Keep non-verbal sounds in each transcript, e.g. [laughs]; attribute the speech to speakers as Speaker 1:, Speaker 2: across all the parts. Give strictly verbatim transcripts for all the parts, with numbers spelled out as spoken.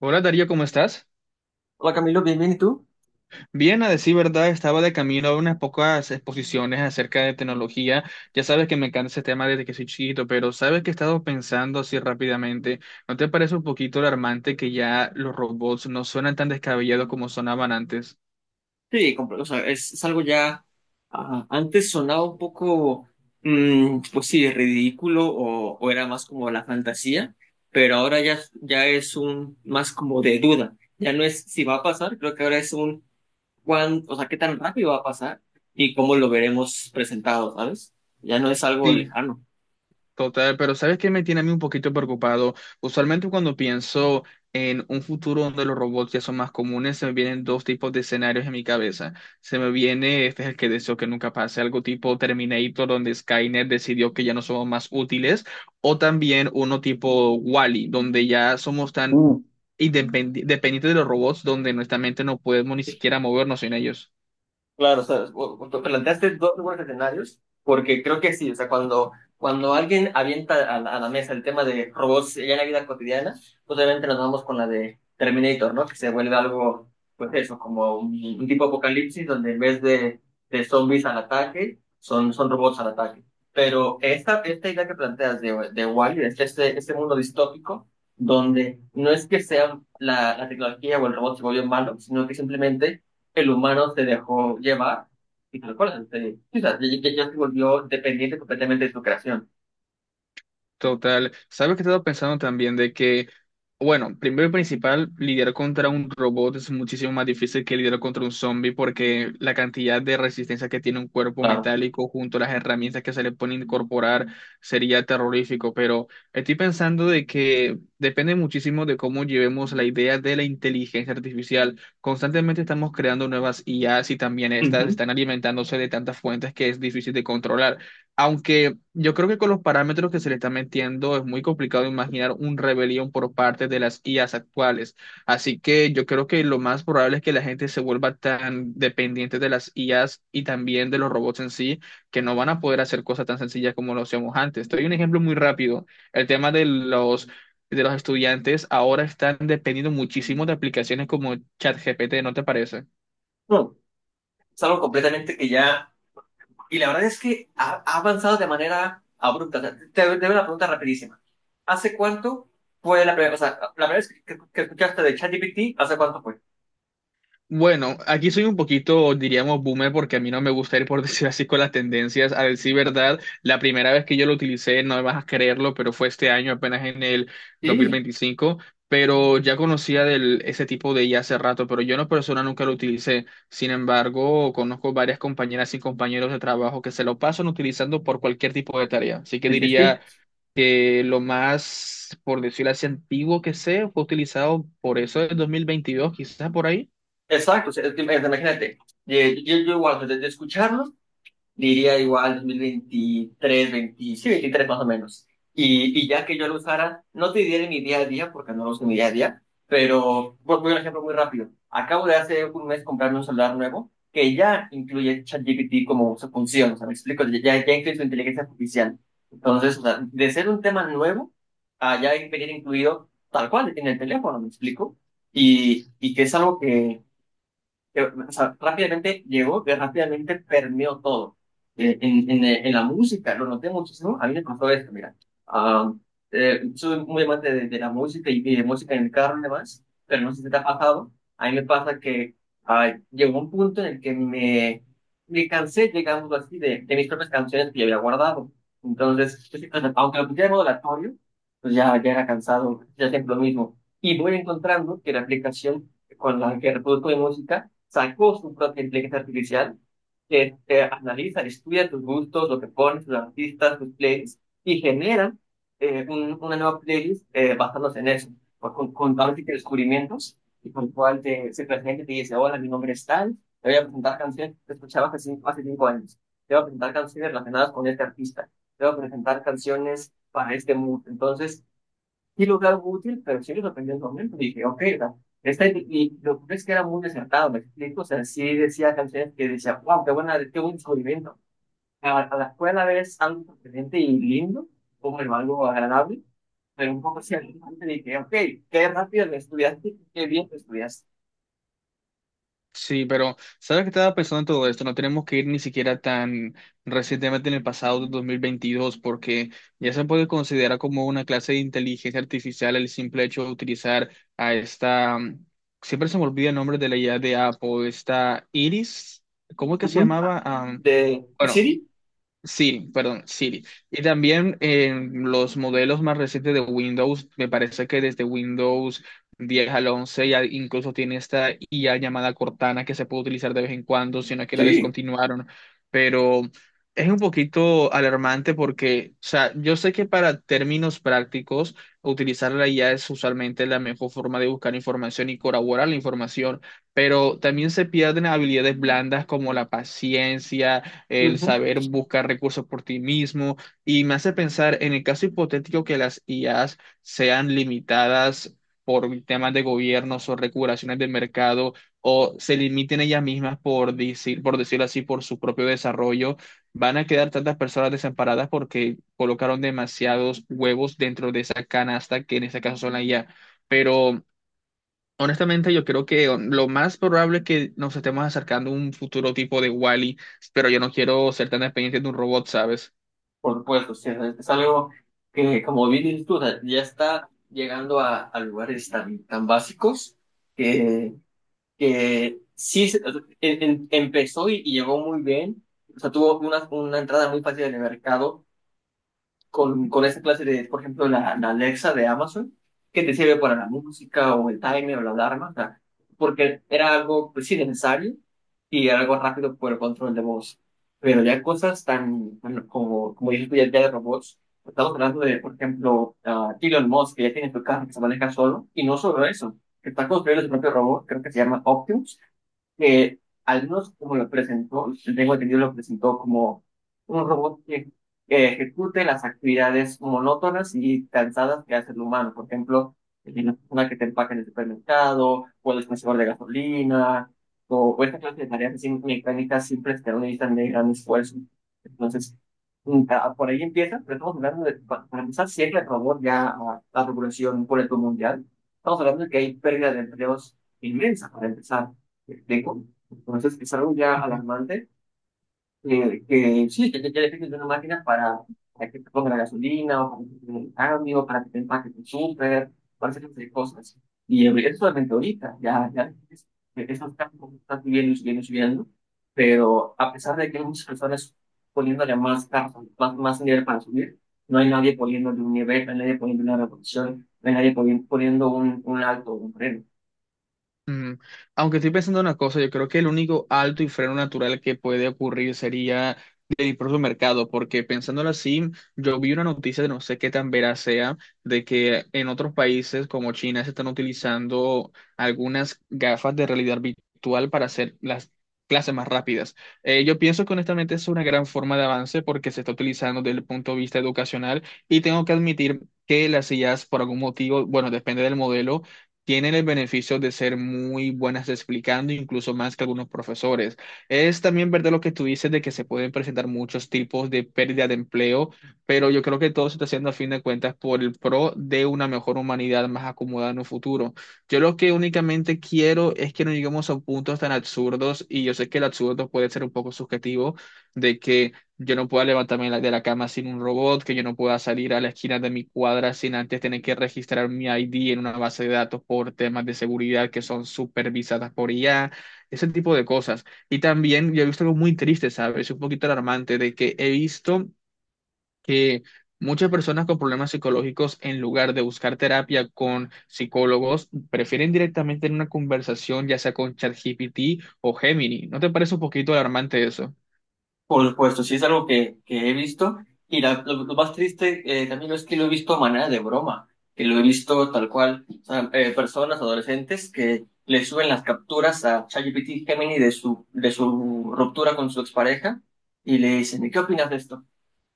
Speaker 1: Hola Darío, ¿cómo estás?
Speaker 2: Hola Camilo, bien, bien, ¿y tú?
Speaker 1: Bien, a decir verdad, estaba de camino a unas pocas exposiciones acerca de tecnología. Ya sabes que me encanta ese tema desde que soy chiquito, pero sabes que he estado pensando así rápidamente. ¿No te parece un poquito alarmante que ya los robots no suenan tan descabellados como sonaban antes?
Speaker 2: Sí, compro- o sea, es, es algo ya, ajá, antes sonaba un poco, mm, pues sí, ridículo o, o era más como la fantasía, pero ahora ya, ya es un más como de duda. Ya no es si va a pasar, creo que ahora es un cuán, o sea, qué tan rápido va a pasar y cómo lo veremos presentado, ¿sabes? Ya no es algo
Speaker 1: Sí.
Speaker 2: lejano.
Speaker 1: Total, pero ¿sabes qué me tiene a mí un poquito preocupado? Usualmente cuando pienso en un futuro donde los robots ya son más comunes, se me vienen dos tipos de escenarios en mi cabeza. Se me viene, este es el que deseo que nunca pase, algo tipo Terminator, donde Skynet decidió que ya no somos más útiles, o también uno tipo Wall-E, donde ya somos tan independi- dependientes de los robots, donde nuestra mente no podemos ni siquiera movernos sin ellos.
Speaker 2: Claro, o sea, o- o- tú planteaste dos buenos escenarios, porque creo que sí, o sea, cuando, cuando alguien avienta a la, a la mesa el tema de robots ya en la vida cotidiana, pues obviamente nos vamos con la de Terminator, ¿no? Que se vuelve algo, pues eso, como un, un tipo apocalipsis donde en vez de, de zombies al ataque, son, son robots al ataque. Pero esta, esta idea que planteas de, de Wall-E, de este, este este mundo distópico, donde no es que sea la, la tecnología o el robot se vuelve malo, sino que simplemente el humano se dejó llevar y tal cual, se- sí, o sea, ya, ya- ya se volvió dependiente completamente de su creación.
Speaker 1: Total. ¿Sabes que he estado pensando también de que, bueno, primero y principal, lidiar contra un robot es muchísimo más difícil que lidiar contra un zombie porque la cantidad de resistencia que tiene un cuerpo
Speaker 2: Claro.
Speaker 1: metálico junto a las herramientas que se le pueden incorporar sería terrorífico? Pero estoy pensando de que depende muchísimo de cómo llevemos la idea de la inteligencia artificial. Constantemente estamos creando nuevas i as y también estas
Speaker 2: Ujú.
Speaker 1: están alimentándose de tantas fuentes que es difícil de controlar. Aunque yo creo que con los parámetros que se le están metiendo es muy complicado imaginar un rebelión por parte de las i as actuales. Así que yo creo que lo más probable es que la gente se vuelva tan dependiente de las i as y también de los robots en sí, que no van a poder hacer cosas tan sencillas como lo hacíamos antes. Te doy un ejemplo muy rápido. El tema de los, de los estudiantes ahora están dependiendo muchísimo de aplicaciones como ChatGPT, ¿no te parece?
Speaker 2: No, es algo completamente que ya. Y la verdad es que ha, ha avanzado de manera abrupta. O sea, te, te doy una pregunta rapidísima. ¿Hace cuánto fue la primera, o sea, la primera vez que, que- que escuchaste de ChatGPT? ¿Hace cuánto fue?
Speaker 1: Bueno, aquí soy un poquito, diríamos, boomer porque a mí no me gusta ir por [laughs] decir así con las tendencias. A decir verdad, la primera vez que yo lo utilicé, no me vas a creerlo, pero fue este año, apenas en el
Speaker 2: Sí,
Speaker 1: dos mil veinticinco. Pero ya conocía del, ese tipo de i a hace rato, pero yo en lo personal nunca lo utilicé. Sin embargo, conozco varias compañeras y compañeros de trabajo que se lo pasan utilizando por cualquier tipo de tarea. Así que
Speaker 2: sí, sí.
Speaker 1: diría
Speaker 2: Sí.
Speaker 1: que lo más, por decirlo así, antiguo que sé fue utilizado por eso del dos mil veintidós, quizás por ahí.
Speaker 2: Exacto, o sea, es que, imagínate, yo, yo, yo igual, de, de escucharlo diría igual dos mil veintitrés, veinte, sí, veintitrés más o menos. Y, y ya que yo lo usara, no te diré mi día a día, porque no lo uso en mi día a día, pero pues, voy a un ejemplo muy rápido. Acabo de hace un mes comprarme un celular nuevo que ya incluye ChatGPT como su función, o sea, me explico, ya, ya incluye su inteligencia artificial. Entonces, o sea, de ser un tema nuevo, a ya venir incluido tal cual en el teléfono, me explico. Y, y que es algo que, que, o sea, rápidamente llegó, que rápidamente permeó todo. Eh, En, en, eh, en la música, lo noté muchísimo. A mí me pasó esto, mira. Ah, eh, soy muy amante de, de la música y, y de música en el carro y demás, pero no sé si te ha pasado. A mí me pasa que ah, llegó un punto en el que me, me cansé, digamos así, de, de mis propias canciones que yo había guardado. Entonces, pues, o sea, aunque lo pusiera en modo aleatorio, pues ya, ya era cansado, ya siempre lo mismo. Y voy encontrando que la aplicación con la que reproduzco mi música sacó su propia inteligencia artificial, que eh, analiza, estudia tus gustos, lo que pones, tus artistas, tus playlists, y genera eh, un- una nueva playlist, eh, basándose en eso, por- con, con ahora sí descubrimientos, y con el cual te, se presenta y te dice, hola, mi nombre es tal, te voy a presentar canciones que escuchabas hace cinco, hace cinco años, te voy a presentar canciones relacionadas con este artista, te voy a presentar canciones para este mood. Entonces, sí lo veo algo útil, pero sí lo aprendí al momento. Dije, ok, o sea, esta, y y lo que es que era muy desertado, me explico. O sea, sí decía canciones que decía, wow, qué buena, qué buen descubrimiento. A, a la escuela ves algo sorprendente y lindo, como algo agradable, pero un poco así alarmante. Dije, ok, qué rápido lo estudiaste, qué bien lo estudiaste.
Speaker 1: Sí, pero ¿sabes qué estaba pensando en todo esto? No tenemos que ir ni siquiera tan recientemente en el pasado de dos mil veintidós, porque ya se puede considerar como una clase de inteligencia artificial el simple hecho de utilizar a esta, mm, siempre se me olvida el nombre de la i a de Apple, esta Iris, ¿cómo es que se
Speaker 2: Ujú.
Speaker 1: llamaba? Am,
Speaker 2: De
Speaker 1: bueno,
Speaker 2: Siri.
Speaker 1: Siri, perdón, Siri. Y también en los modelos más recientes de Windows, me parece que desde Windows diez al once ya incluso tiene esta i a llamada Cortana que se puede utilizar de vez en cuando, sino que la
Speaker 2: Sí.
Speaker 1: descontinuaron. Pero es un poquito alarmante porque, o sea, yo sé que para términos prácticos, utilizar la i a es usualmente la mejor forma de buscar información y corroborar la información, pero también se pierden habilidades blandas como la paciencia, el
Speaker 2: Ujú.
Speaker 1: saber buscar recursos por ti mismo, y me hace pensar en el caso hipotético que las i as sean limitadas por temas de gobiernos o regulaciones del mercado, o se limiten ellas mismas por decir, por decirlo así, por su propio desarrollo, van a quedar tantas personas desamparadas porque colocaron demasiados huevos dentro de esa canasta que en este caso son la i a. Pero honestamente, yo creo que um, lo más probable es que nos estemos acercando a un futuro tipo de Wall-E, pero yo no quiero ser tan dependiente de un robot, ¿sabes?
Speaker 2: Por supuesto, sí, es es algo que, como bien dices tú, o sea, ya está llegando a, a lugares tan, tan básicos que que sí se- o sea, em- em- empezó y, y llegó muy bien. O sea, tuvo una, una entrada muy fácil en el mercado con, con esa clase de, por ejemplo, la, la Alexa de Amazon, que te sirve para la música o el timer o la alarma, o sea, porque era algo, pues sí, necesario y algo rápido por el control de voz. Pero ya cosas tan, bueno, como, como dices tú, ya, ya de robots, estamos hablando de, por ejemplo, ah, Elon Musk, que ya tiene su carro que se maneja solo, y no solo eso, que está construyendo su propio robot, creo que se llama Optimus, que al menos como lo presentó, tengo entendido, lo presentó como un robot que, que ejecute las actividades monótonas y cansadas que hace el humano. Por ejemplo, la persona que te empaca en el supermercado, o el dispensador de gasolina, o, o esta clase de tareas así mecánicas simples que no necesitan de gran esfuerzo. Entonces, mm, ah, por ahí empieza, pero estamos hablando de, pa- para empezar siempre el robot ya a la regulación por el mundo mundial. Estamos hablando de que hay pérdida de empleos inmensa para empezar. ¿Me explico? Entonces es algo ya alarmante, eh, que sí, que ya, ya le estoy una máquina para, para que te ponga la gasolina, o para que te den el cambio, para que te empaque tu súper, para hacer de cosas. Y eh, eso solamente ahorita, ya, ya es- esos campos están subiendo y subiendo y subiendo, pero a pesar de que hay muchas personas poniéndole más carros, más, más nivel para subir, no hay nadie poniéndole un nivel, no hay nadie poniendo una revolución, no hay nadie poni- poniendo un, un alto, un freno.
Speaker 1: Mm, Aunque estoy pensando una cosa, yo creo que el único alto y freno natural que puede ocurrir sería del propio mercado, porque pensándolo así, yo vi una noticia de no sé qué tan veraz sea, de que en otros países como China se están utilizando algunas gafas de realidad virtual para hacer las clases más rápidas. Eh, yo pienso que honestamente es una gran forma de avance porque se está utilizando desde el punto de vista educacional y tengo que admitir que las sillas por algún motivo, bueno, depende del modelo, tienen el beneficio de ser muy buenas explicando, incluso más que algunos profesores. Es también verdad lo que tú dices de que se pueden presentar muchos tipos de pérdida de empleo, pero yo creo que todo se está haciendo a fin de cuentas por el pro de una mejor humanidad más acomodada en un futuro. Yo lo que únicamente quiero es que no lleguemos a puntos tan absurdos, y yo sé que el absurdo puede ser un poco subjetivo, de que yo no pueda levantarme de la de la cama sin un robot, que yo no pueda salir a la esquina de mi cuadra sin antes tener que registrar mi i de en una base de datos por temas de seguridad que son supervisadas por i a, ese tipo de cosas. Y también yo he visto algo muy triste, ¿sabes? Un poquito alarmante de que he visto que muchas personas con problemas psicológicos, en lugar de buscar terapia con psicólogos, prefieren directamente en una conversación, ya sea con ChatGPT o Gemini. ¿No te parece un poquito alarmante eso?
Speaker 2: Por supuesto, sí es algo que, que he visto. Y la- lo, lo más triste, eh, también es que lo he visto a manera de broma, que lo he visto tal cual. O sea, eh, personas, adolescentes, que le suben las capturas a ChatGPT Gemini de su, de su ruptura con su expareja y le dicen, ¿y qué opinas de esto?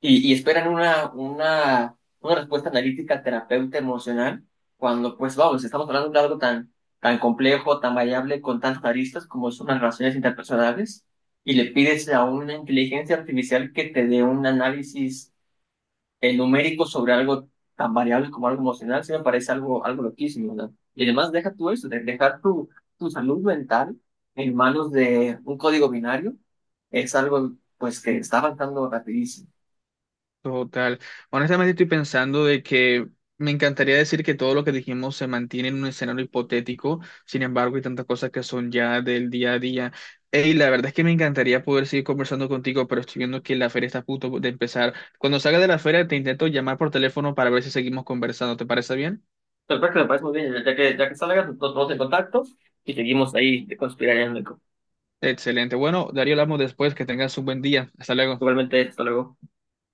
Speaker 2: y, y esperan una, una, una respuesta analítica, terapeuta emocional, cuando pues vamos, estamos hablando de algo tan, tan complejo, tan variable, con tantas aristas como son las relaciones interpersonales, y le pides a una inteligencia artificial que te dé un análisis, eh, numérico sobre algo tan variable como algo emocional. Sí me parece algo, algo loquísimo, ¿no? Y además deja tú eso, de dejar tu, tu salud mental en manos de un código binario, es algo pues que está avanzando rapidísimo.
Speaker 1: Total. Honestamente estoy pensando de que me encantaría decir que todo lo que dijimos se mantiene en un escenario hipotético, sin embargo hay tantas cosas que son ya del día a día. Y la verdad es que me encantaría poder seguir conversando contigo, pero estoy viendo que la feria está a punto de empezar. Cuando salga de la feria te intento llamar por teléfono para ver si seguimos conversando. ¿Te parece bien?
Speaker 2: Perfecto, me parece muy bien. Ya que, ya que salgas, nos vamos en contacto y seguimos ahí conspirando.
Speaker 1: Excelente. Bueno, Darío, hablamos después. Que tengas un buen día. Hasta luego.
Speaker 2: Igualmente, hasta luego.